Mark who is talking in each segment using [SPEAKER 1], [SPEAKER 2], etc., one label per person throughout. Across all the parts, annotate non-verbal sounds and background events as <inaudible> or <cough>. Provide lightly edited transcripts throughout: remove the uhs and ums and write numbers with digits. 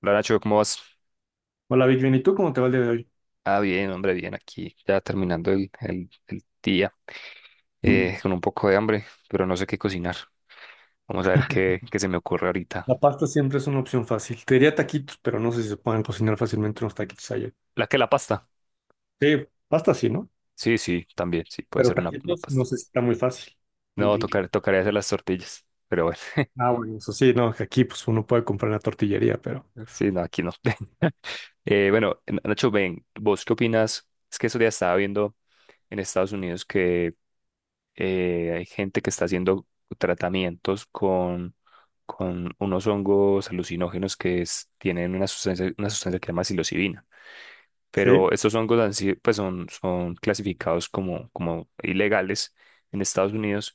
[SPEAKER 1] Hola, Nacho, ¿cómo vas?
[SPEAKER 2] Hola, Big Ben, ¿y tú cómo te va el día de hoy?
[SPEAKER 1] Ah, bien, hombre, bien, aquí ya terminando el día con un poco de hambre, pero no sé qué cocinar. Vamos a ver qué se me ocurre ahorita.
[SPEAKER 2] La pasta siempre es una opción fácil. Te diría taquitos, pero no sé si se pueden cocinar fácilmente unos taquitos allá.
[SPEAKER 1] ¿La que la pasta?
[SPEAKER 2] Sí, pasta sí, ¿no?
[SPEAKER 1] Sí, sí, también, sí, puede
[SPEAKER 2] Pero
[SPEAKER 1] ser una
[SPEAKER 2] taquitos no
[SPEAKER 1] pasta.
[SPEAKER 2] sé si está muy fácil.
[SPEAKER 1] No, tocaría hacer las tortillas, pero bueno,
[SPEAKER 2] Ah,
[SPEAKER 1] <laughs>
[SPEAKER 2] bueno, eso sí, no, que aquí pues uno puede comprar en la tortillería, pero
[SPEAKER 1] sí, no, aquí no. <laughs> Bueno, Nacho, ven, ¿vos qué opinas? Es que eso ya estaba viendo en Estados Unidos que hay gente que está haciendo tratamientos con unos hongos alucinógenos que tienen una sustancia que se llama psilocibina,
[SPEAKER 2] sí.
[SPEAKER 1] pero estos hongos pues son, son clasificados como, como ilegales en Estados Unidos,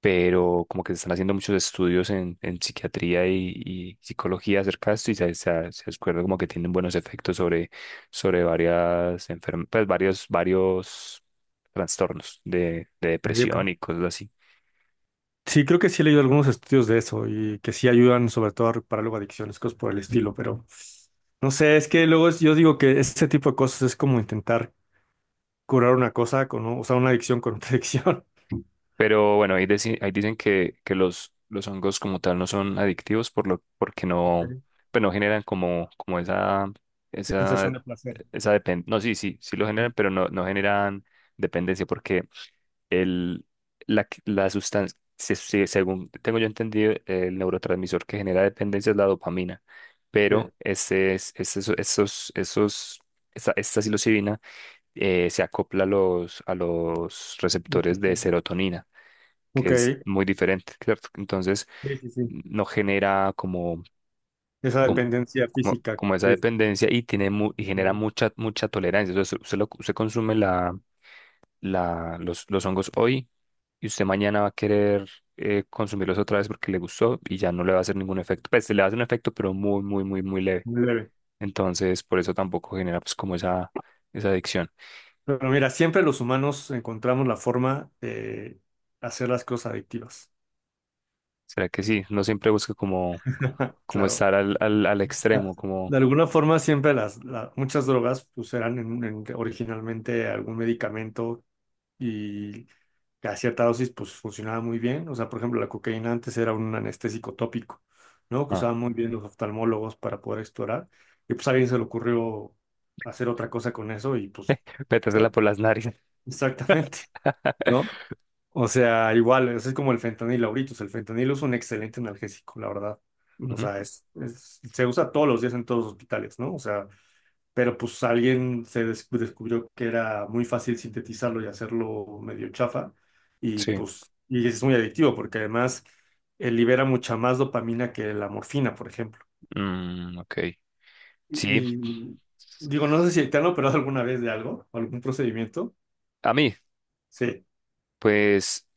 [SPEAKER 1] pero como que se están haciendo muchos estudios en psiquiatría y psicología acerca de esto y se descubre como que tienen buenos efectos sobre, sobre varias enfermedades, varios trastornos de
[SPEAKER 2] Yo digo que-
[SPEAKER 1] depresión y cosas así.
[SPEAKER 2] Sí, creo que sí he leído algunos estudios de eso y que sí ayudan sobre todo a reparar luego adicciones, cosas por el estilo, pero no sé, es que luego yo digo que ese tipo de cosas es como intentar curar una cosa con, o sea, una adicción con otra <laughs> adicción.
[SPEAKER 1] Pero bueno, ahí dicen que los hongos como tal no son adictivos porque no,
[SPEAKER 2] Ok.
[SPEAKER 1] pues no generan como, como esa,
[SPEAKER 2] Sensación de placer.
[SPEAKER 1] esa dependencia. No, sí, sí, sí lo generan, pero no, no generan dependencia porque el, la, la sustancia, según tengo yo entendido, el neurotransmisor que genera dependencia es la dopamina,
[SPEAKER 2] Sí.
[SPEAKER 1] pero esta, esta psilocibina se acopla a los receptores de serotonina, que
[SPEAKER 2] Ok,
[SPEAKER 1] es muy diferente, ¿cierto? Entonces,
[SPEAKER 2] sí, sí, sí.
[SPEAKER 1] no genera como,
[SPEAKER 2] Esa
[SPEAKER 1] como,
[SPEAKER 2] dependencia física,
[SPEAKER 1] como esa dependencia y tiene y genera
[SPEAKER 2] de-
[SPEAKER 1] mucha, mucha tolerancia. Entonces, usted, usted consume los hongos hoy y usted mañana va a querer consumirlos otra vez porque le gustó y ya no le va a hacer ningún efecto. Pues le va a hacer un efecto, pero muy, muy, muy, muy leve.
[SPEAKER 2] muy leve.
[SPEAKER 1] Entonces, por eso tampoco genera pues como esa adicción.
[SPEAKER 2] Pero mira, siempre los humanos encontramos la forma de hacer las cosas adictivas.
[SPEAKER 1] ¿Será que sí? No, siempre busca como,
[SPEAKER 2] <laughs>
[SPEAKER 1] como
[SPEAKER 2] Claro.
[SPEAKER 1] estar al extremo, como
[SPEAKER 2] De alguna forma, siempre muchas drogas pues, eran originalmente algún medicamento y a cierta dosis pues funcionaba muy bien. O sea, por ejemplo, la cocaína antes era un anestésico tópico, ¿no? Que
[SPEAKER 1] ah,
[SPEAKER 2] usaban muy bien los oftalmólogos para poder explorar. Y pues a alguien se le ocurrió hacer otra cosa con eso y pues
[SPEAKER 1] metérsela
[SPEAKER 2] bueno,
[SPEAKER 1] por las narices.
[SPEAKER 2] <laughs> exactamente, ¿no? O sea, igual, eso es como el fentanilo ahorita. O sea, el fentanilo es un excelente analgésico, la verdad. O sea,
[SPEAKER 1] <laughs>
[SPEAKER 2] se usa todos los días en todos los hospitales, ¿no? O sea, pero pues alguien se descubrió que era muy fácil sintetizarlo y hacerlo medio chafa y
[SPEAKER 1] Sí,
[SPEAKER 2] pues y es muy adictivo porque además libera mucha más dopamina que la morfina, por ejemplo.
[SPEAKER 1] mm, ok. Sí,
[SPEAKER 2] Y digo, no sé si te han operado alguna vez de algo, o algún procedimiento.
[SPEAKER 1] a mí,
[SPEAKER 2] Sí.
[SPEAKER 1] pues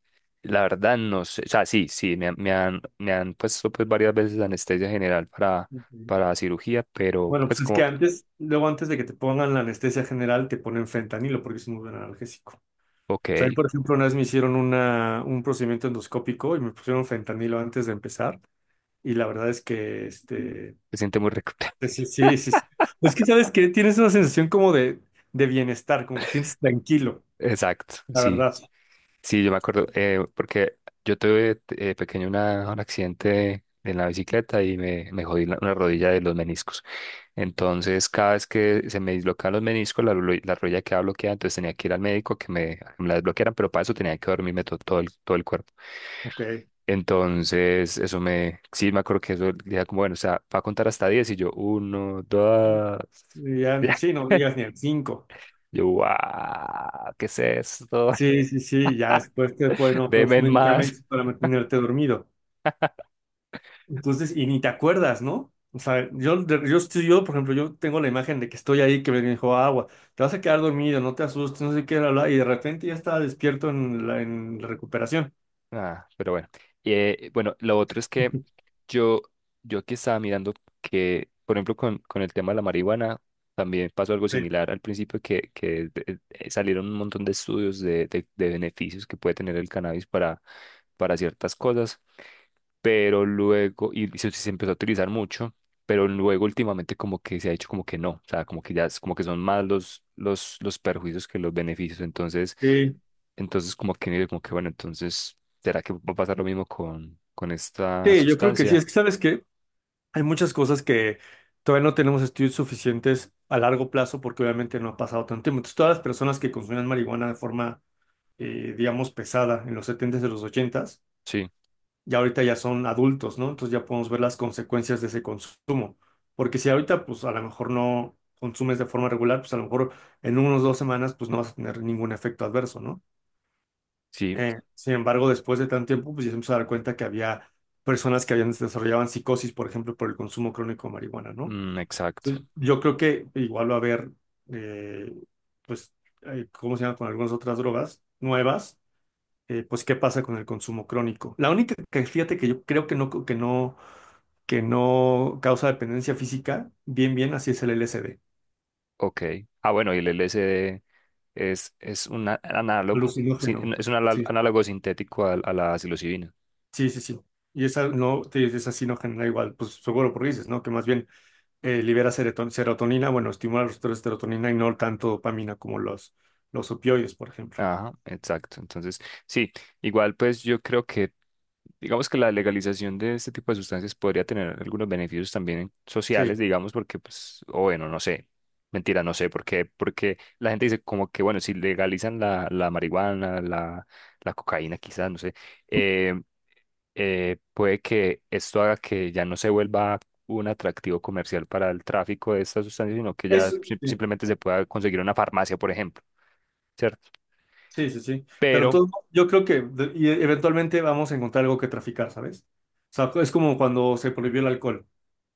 [SPEAKER 1] la verdad no sé, o sea, sí, sí, me han puesto pues varias veces anestesia general
[SPEAKER 2] Ujú.
[SPEAKER 1] para cirugía, pero
[SPEAKER 2] Bueno,
[SPEAKER 1] pues
[SPEAKER 2] pues es que
[SPEAKER 1] como,
[SPEAKER 2] antes, luego antes de que te pongan la anestesia general, te ponen fentanilo porque es un buen analgésico.
[SPEAKER 1] ok,
[SPEAKER 2] También,
[SPEAKER 1] se
[SPEAKER 2] por ejemplo, una vez me hicieron un procedimiento endoscópico y me pusieron fentanilo antes de empezar. Y la verdad es que, este,
[SPEAKER 1] siente muy rico. <laughs>
[SPEAKER 2] pues sí, sí, sí, sí. Pues que sabes que tienes una sensación como de bienestar, como que tienes tranquilo,
[SPEAKER 1] Exacto,
[SPEAKER 2] la
[SPEAKER 1] sí,
[SPEAKER 2] verdad.
[SPEAKER 1] sí, yo me acuerdo, porque yo tuve pequeño un accidente en la bicicleta y me jodí una rodilla de los meniscos. Entonces, cada vez que se me dislocaban los meniscos, la rodilla quedaba bloqueada, entonces tenía que ir al médico que a que me la desbloquearan, pero para eso tenía que dormirme todo todo el cuerpo.
[SPEAKER 2] Ok.
[SPEAKER 1] Entonces, eso me, sí, me acuerdo que eso, decía como, bueno, o sea, va a contar hasta 10 y yo, uno, dos,
[SPEAKER 2] Y
[SPEAKER 1] <laughs>
[SPEAKER 2] ya,
[SPEAKER 1] ya.
[SPEAKER 2] sí, no llegas ni al cinco.
[SPEAKER 1] Yo, wow, ¿qué es esto?
[SPEAKER 2] Sí, sí, sí, ya después te ponen
[SPEAKER 1] <laughs>
[SPEAKER 2] otros
[SPEAKER 1] Deme más.
[SPEAKER 2] medicamentos para mantenerte dormido. Entonces, y ni te acuerdas, ¿no? O sea, yo, por ejemplo, yo tengo la imagen de que estoy ahí, que me dijo agua, te vas a quedar dormido, no te asustes, no sé qué, bla, bla", y de repente ya estaba despierto en la recuperación.
[SPEAKER 1] Ah, pero bueno. Bueno, lo otro es que
[SPEAKER 2] <laughs>
[SPEAKER 1] yo, yo aquí estaba mirando que, por ejemplo, con el tema de la marihuana, también pasó algo
[SPEAKER 2] Sí,
[SPEAKER 1] similar al principio, que salieron un montón de estudios de beneficios que puede tener el cannabis para ciertas cosas, pero luego, se empezó a utilizar mucho, pero luego últimamente como que se ha hecho como que no, o sea, como que ya es como que son más los perjuicios que los beneficios, entonces...
[SPEAKER 2] sí,
[SPEAKER 1] Entonces, como que bueno, entonces ¿será que va a pasar lo mismo con esta
[SPEAKER 2] sí, yo creo que sí.
[SPEAKER 1] sustancia?
[SPEAKER 2] Es que sabes que hay muchas cosas que todavía no tenemos estudios suficientes a largo plazo porque obviamente no ha pasado tanto tiempo. Entonces, todas las personas que consumían marihuana de forma, digamos, pesada en los setentas s y los ochentas,
[SPEAKER 1] Sí,
[SPEAKER 2] ya ahorita ya son adultos, ¿no? Entonces ya podemos ver las consecuencias de ese consumo. Porque si ahorita, pues a lo mejor no consumes de forma regular, pues a lo mejor en unos 2 semanas, pues no vas a tener ningún efecto adverso, ¿no?
[SPEAKER 1] sí,
[SPEAKER 2] Sin embargo, después de tanto tiempo, pues ya se empezó a dar cuenta que había personas que habían desarrollaban psicosis, por ejemplo, por el consumo crónico de marihuana, ¿no?
[SPEAKER 1] mm, exacto.
[SPEAKER 2] Entonces, yo creo que igual va a haber, eh, pues, ¿cómo se llama? Con algunas otras drogas nuevas, pues, ¿qué pasa con el consumo crónico? La única que, fíjate que yo creo que no causa dependencia física, bien, bien, así es el LSD,
[SPEAKER 1] Ok. Ah, bueno, y el LSD es un análogo, sí,
[SPEAKER 2] alucinógeno.
[SPEAKER 1] es un
[SPEAKER 2] Sí, sí,
[SPEAKER 1] análogo sintético a la psilocibina.
[SPEAKER 2] sí, sí, sí. Y esa no, te dices, esa sí no genera igual, pues seguro porque dices, ¿no? Que más bien libera serotonina, bueno, estimula los receptores de serotonina y no tanto dopamina como los opioides, por ejemplo.
[SPEAKER 1] Ajá, exacto. Entonces, sí, igual pues yo creo que, digamos que la legalización de este tipo de sustancias podría tener algunos beneficios también sociales,
[SPEAKER 2] Sí,
[SPEAKER 1] digamos, porque pues, o bueno, no sé, mentira, no sé, porque, porque la gente dice como que, bueno, si legalizan la marihuana, la cocaína quizás, no sé, eh, puede que esto haga que ya no se vuelva un atractivo comercial para el tráfico de estas sustancias, sino que ya
[SPEAKER 2] eso, sí,
[SPEAKER 1] simplemente se pueda conseguir en una farmacia, por ejemplo. ¿Cierto?
[SPEAKER 2] sí, sí, sí. Pero
[SPEAKER 1] Pero
[SPEAKER 2] todo, yo creo que y eventualmente vamos a encontrar algo que traficar, ¿sabes? O sea, es como cuando se prohibió el alcohol,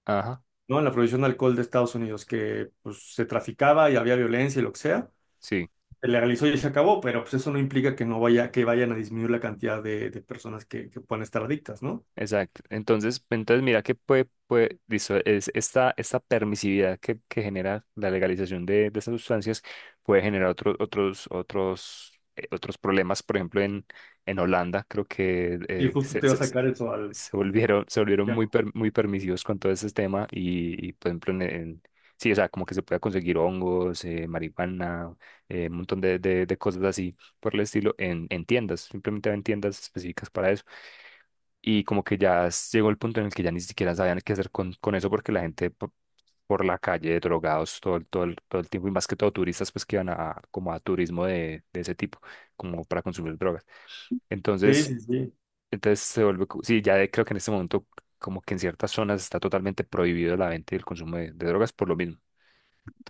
[SPEAKER 1] ajá,
[SPEAKER 2] ¿no? La prohibición de alcohol de Estados Unidos, que pues se traficaba y había violencia y lo que sea.
[SPEAKER 1] sí,
[SPEAKER 2] Se legalizó y se acabó, pero pues eso no implica que no vaya, que vayan a disminuir la cantidad de personas que puedan estar adictas, ¿no?
[SPEAKER 1] exacto. Entonces, entonces mira que puede, puede, listo, es esta permisividad que genera la legalización de estas sustancias puede generar otros problemas. Por ejemplo, en Holanda creo que
[SPEAKER 2] Y justo te va a sacar eso al...
[SPEAKER 1] se volvieron
[SPEAKER 2] ya no.
[SPEAKER 1] muy permisivos con todo ese tema y, por ejemplo, sí, o sea, como que se puede conseguir hongos, marihuana, un montón de cosas así por el estilo en tiendas, simplemente en tiendas específicas para eso. Y como que ya llegó el punto en el que ya ni siquiera sabían qué hacer con eso porque la gente por la calle, drogados todo, todo el tiempo, y más que todo turistas pues que iban a como a turismo de ese tipo, como para consumir drogas.
[SPEAKER 2] Sí,
[SPEAKER 1] Entonces,
[SPEAKER 2] sí, sí.
[SPEAKER 1] entonces se vuelve, sí, ya creo que en este momento como que en ciertas zonas está totalmente prohibido la venta y el consumo de drogas por lo mismo.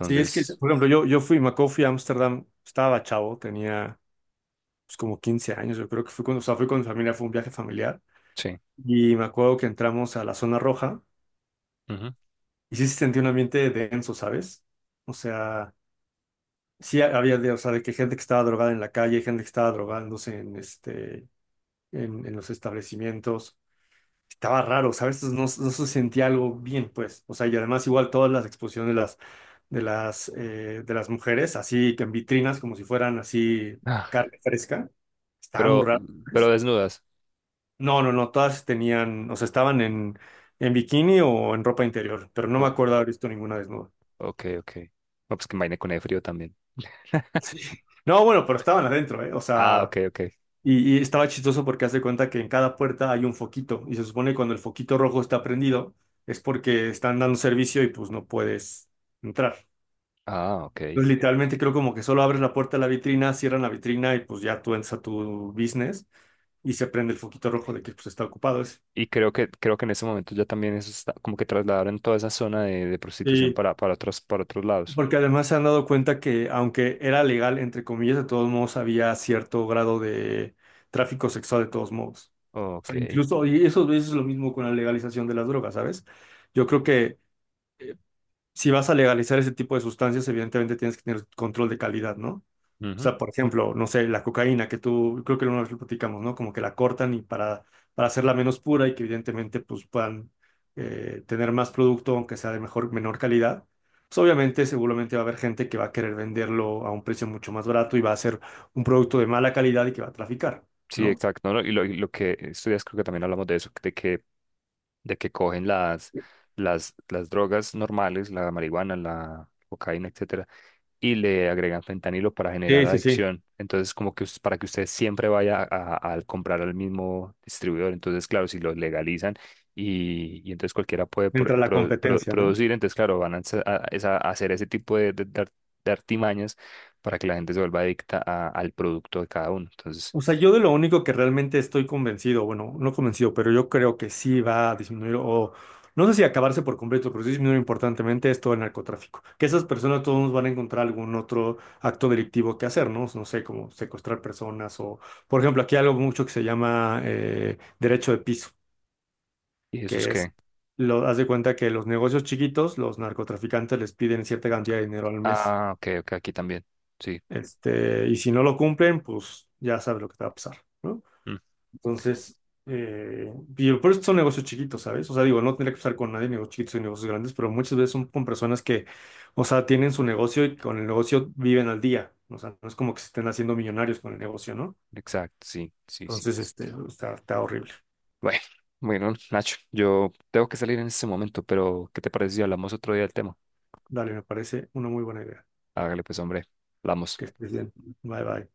[SPEAKER 2] Sí, es que, por ejemplo, yo fui, me acuerdo, fui a Ámsterdam, estaba chavo, tenía pues, como 15 años, yo creo que fui cuando, o sea, fui con mi familia, fue un viaje familiar,
[SPEAKER 1] sí.
[SPEAKER 2] y me acuerdo que entramos a la zona roja,
[SPEAKER 1] Ujú.
[SPEAKER 2] y sí se sentía un ambiente denso, ¿sabes? O sea, sí había, de, o sea, de que gente que estaba drogada en la calle, gente que estaba drogándose en, este, en los establecimientos, estaba raro, ¿sabes? No, no se sentía algo bien, pues. O sea, y además igual todas las exposiciones de las mujeres, así que en vitrinas, como si fueran así
[SPEAKER 1] Ah,
[SPEAKER 2] carne fresca, estaba muy
[SPEAKER 1] pero,
[SPEAKER 2] raro,
[SPEAKER 1] pero
[SPEAKER 2] ¿sabes?
[SPEAKER 1] desnudas.
[SPEAKER 2] No, no, no, todas tenían, o sea, estaban en bikini o en ropa interior, pero no me
[SPEAKER 1] Oh,
[SPEAKER 2] acuerdo haber visto ninguna desnuda. <laughs>
[SPEAKER 1] ok, ok. No, pues que vaina con el frío también.
[SPEAKER 2] Sí. No, bueno, pero estaban adentro, ¿eh? O
[SPEAKER 1] Ah,
[SPEAKER 2] sea,
[SPEAKER 1] ok, ok.
[SPEAKER 2] Y estaba chistoso porque hace cuenta que en cada puerta hay un foquito y se supone que cuando el foquito rojo está prendido es porque están dando servicio y pues no puedes entrar.
[SPEAKER 1] Ah, ok.
[SPEAKER 2] Entonces literalmente creo como que solo abres la puerta de la vitrina, cierran la vitrina y pues ya tú entras a tu business y se prende el foquito rojo de que pues está ocupado ese.
[SPEAKER 1] Y creo que en este momento ya también eso está, como que trasladaron toda esa zona de prostitución
[SPEAKER 2] Sí,
[SPEAKER 1] para otros lados.
[SPEAKER 2] porque además se han dado cuenta que aunque era legal, entre comillas, de todos modos había cierto grado de tráfico sexual de todos modos. O
[SPEAKER 1] Ok.
[SPEAKER 2] sea, incluso, y eso es lo mismo con la legalización de las drogas, ¿sabes? Yo creo que eh, si vas a legalizar ese tipo de sustancias, evidentemente tienes que tener control de calidad, ¿no? O
[SPEAKER 1] Ujú.
[SPEAKER 2] sea, por ejemplo, no sé, la cocaína, que tú, creo que una vez lo platicamos, ¿no? Como que la cortan y para hacerla menos pura y que evidentemente pues puedan tener más producto, aunque sea de mejor, menor calidad. Pues obviamente, seguramente va a haber gente que va a querer venderlo a un precio mucho más barato y va a ser un producto de mala calidad y que va a traficar,
[SPEAKER 1] Sí,
[SPEAKER 2] ¿no?
[SPEAKER 1] exacto. ¿No? Y y lo que estudias, creo que también hablamos de eso, de que cogen las drogas normales, la marihuana, la cocaína, etcétera, y le agregan fentanilo para generar
[SPEAKER 2] Sí, sí, sí.
[SPEAKER 1] adicción. Entonces, como que para que usted siempre vaya a comprar al mismo distribuidor. Entonces, claro, si lo legalizan y entonces cualquiera puede
[SPEAKER 2] Entra la competencia, ¿no?
[SPEAKER 1] producir, entonces, claro, van a, hacer a hacer ese tipo de de artimañas para que la gente se vuelva adicta al producto de cada uno. Entonces,
[SPEAKER 2] O sea, yo de lo único que realmente estoy convencido, bueno, no convencido, pero yo creo que sí va a disminuir o no sé si acabarse por completo, pero sí disminuir importantemente es todo el narcotráfico. Que esas personas todos van a encontrar algún otro acto delictivo que hacer, ¿no? No sé, como secuestrar personas o, por ejemplo, aquí hay algo mucho que se llama derecho de piso,
[SPEAKER 1] ¿y eso es
[SPEAKER 2] que es,
[SPEAKER 1] qué?
[SPEAKER 2] haz de cuenta que los negocios chiquitos, los narcotraficantes les piden cierta cantidad de dinero al mes.
[SPEAKER 1] Ah, ok, ok, aquí también. Sí,
[SPEAKER 2] Este, y si no lo cumplen, pues ya sabes lo que te va a pasar, ¿no?
[SPEAKER 1] mm,
[SPEAKER 2] Entonces, eh, y por eso son negocios chiquitos, ¿sabes? O sea, digo, no tendría que estar con nadie, negocios chiquitos y negocios grandes, pero muchas veces son con personas que, o sea, tienen su negocio y con el negocio viven al día. O sea, no es como que se estén haciendo millonarios con el negocio, ¿no?
[SPEAKER 1] exacto, sí, sí, sí.
[SPEAKER 2] Entonces, este, está horrible.
[SPEAKER 1] Bueno, <laughs> bueno, Nacho, yo tengo que salir en este momento, pero ¿qué te parece si hablamos otro día del tema?
[SPEAKER 2] Dale, me parece una muy buena idea.
[SPEAKER 1] Hágale pues, hombre. Hablamos.
[SPEAKER 2] Que estés bien. Bye, bye.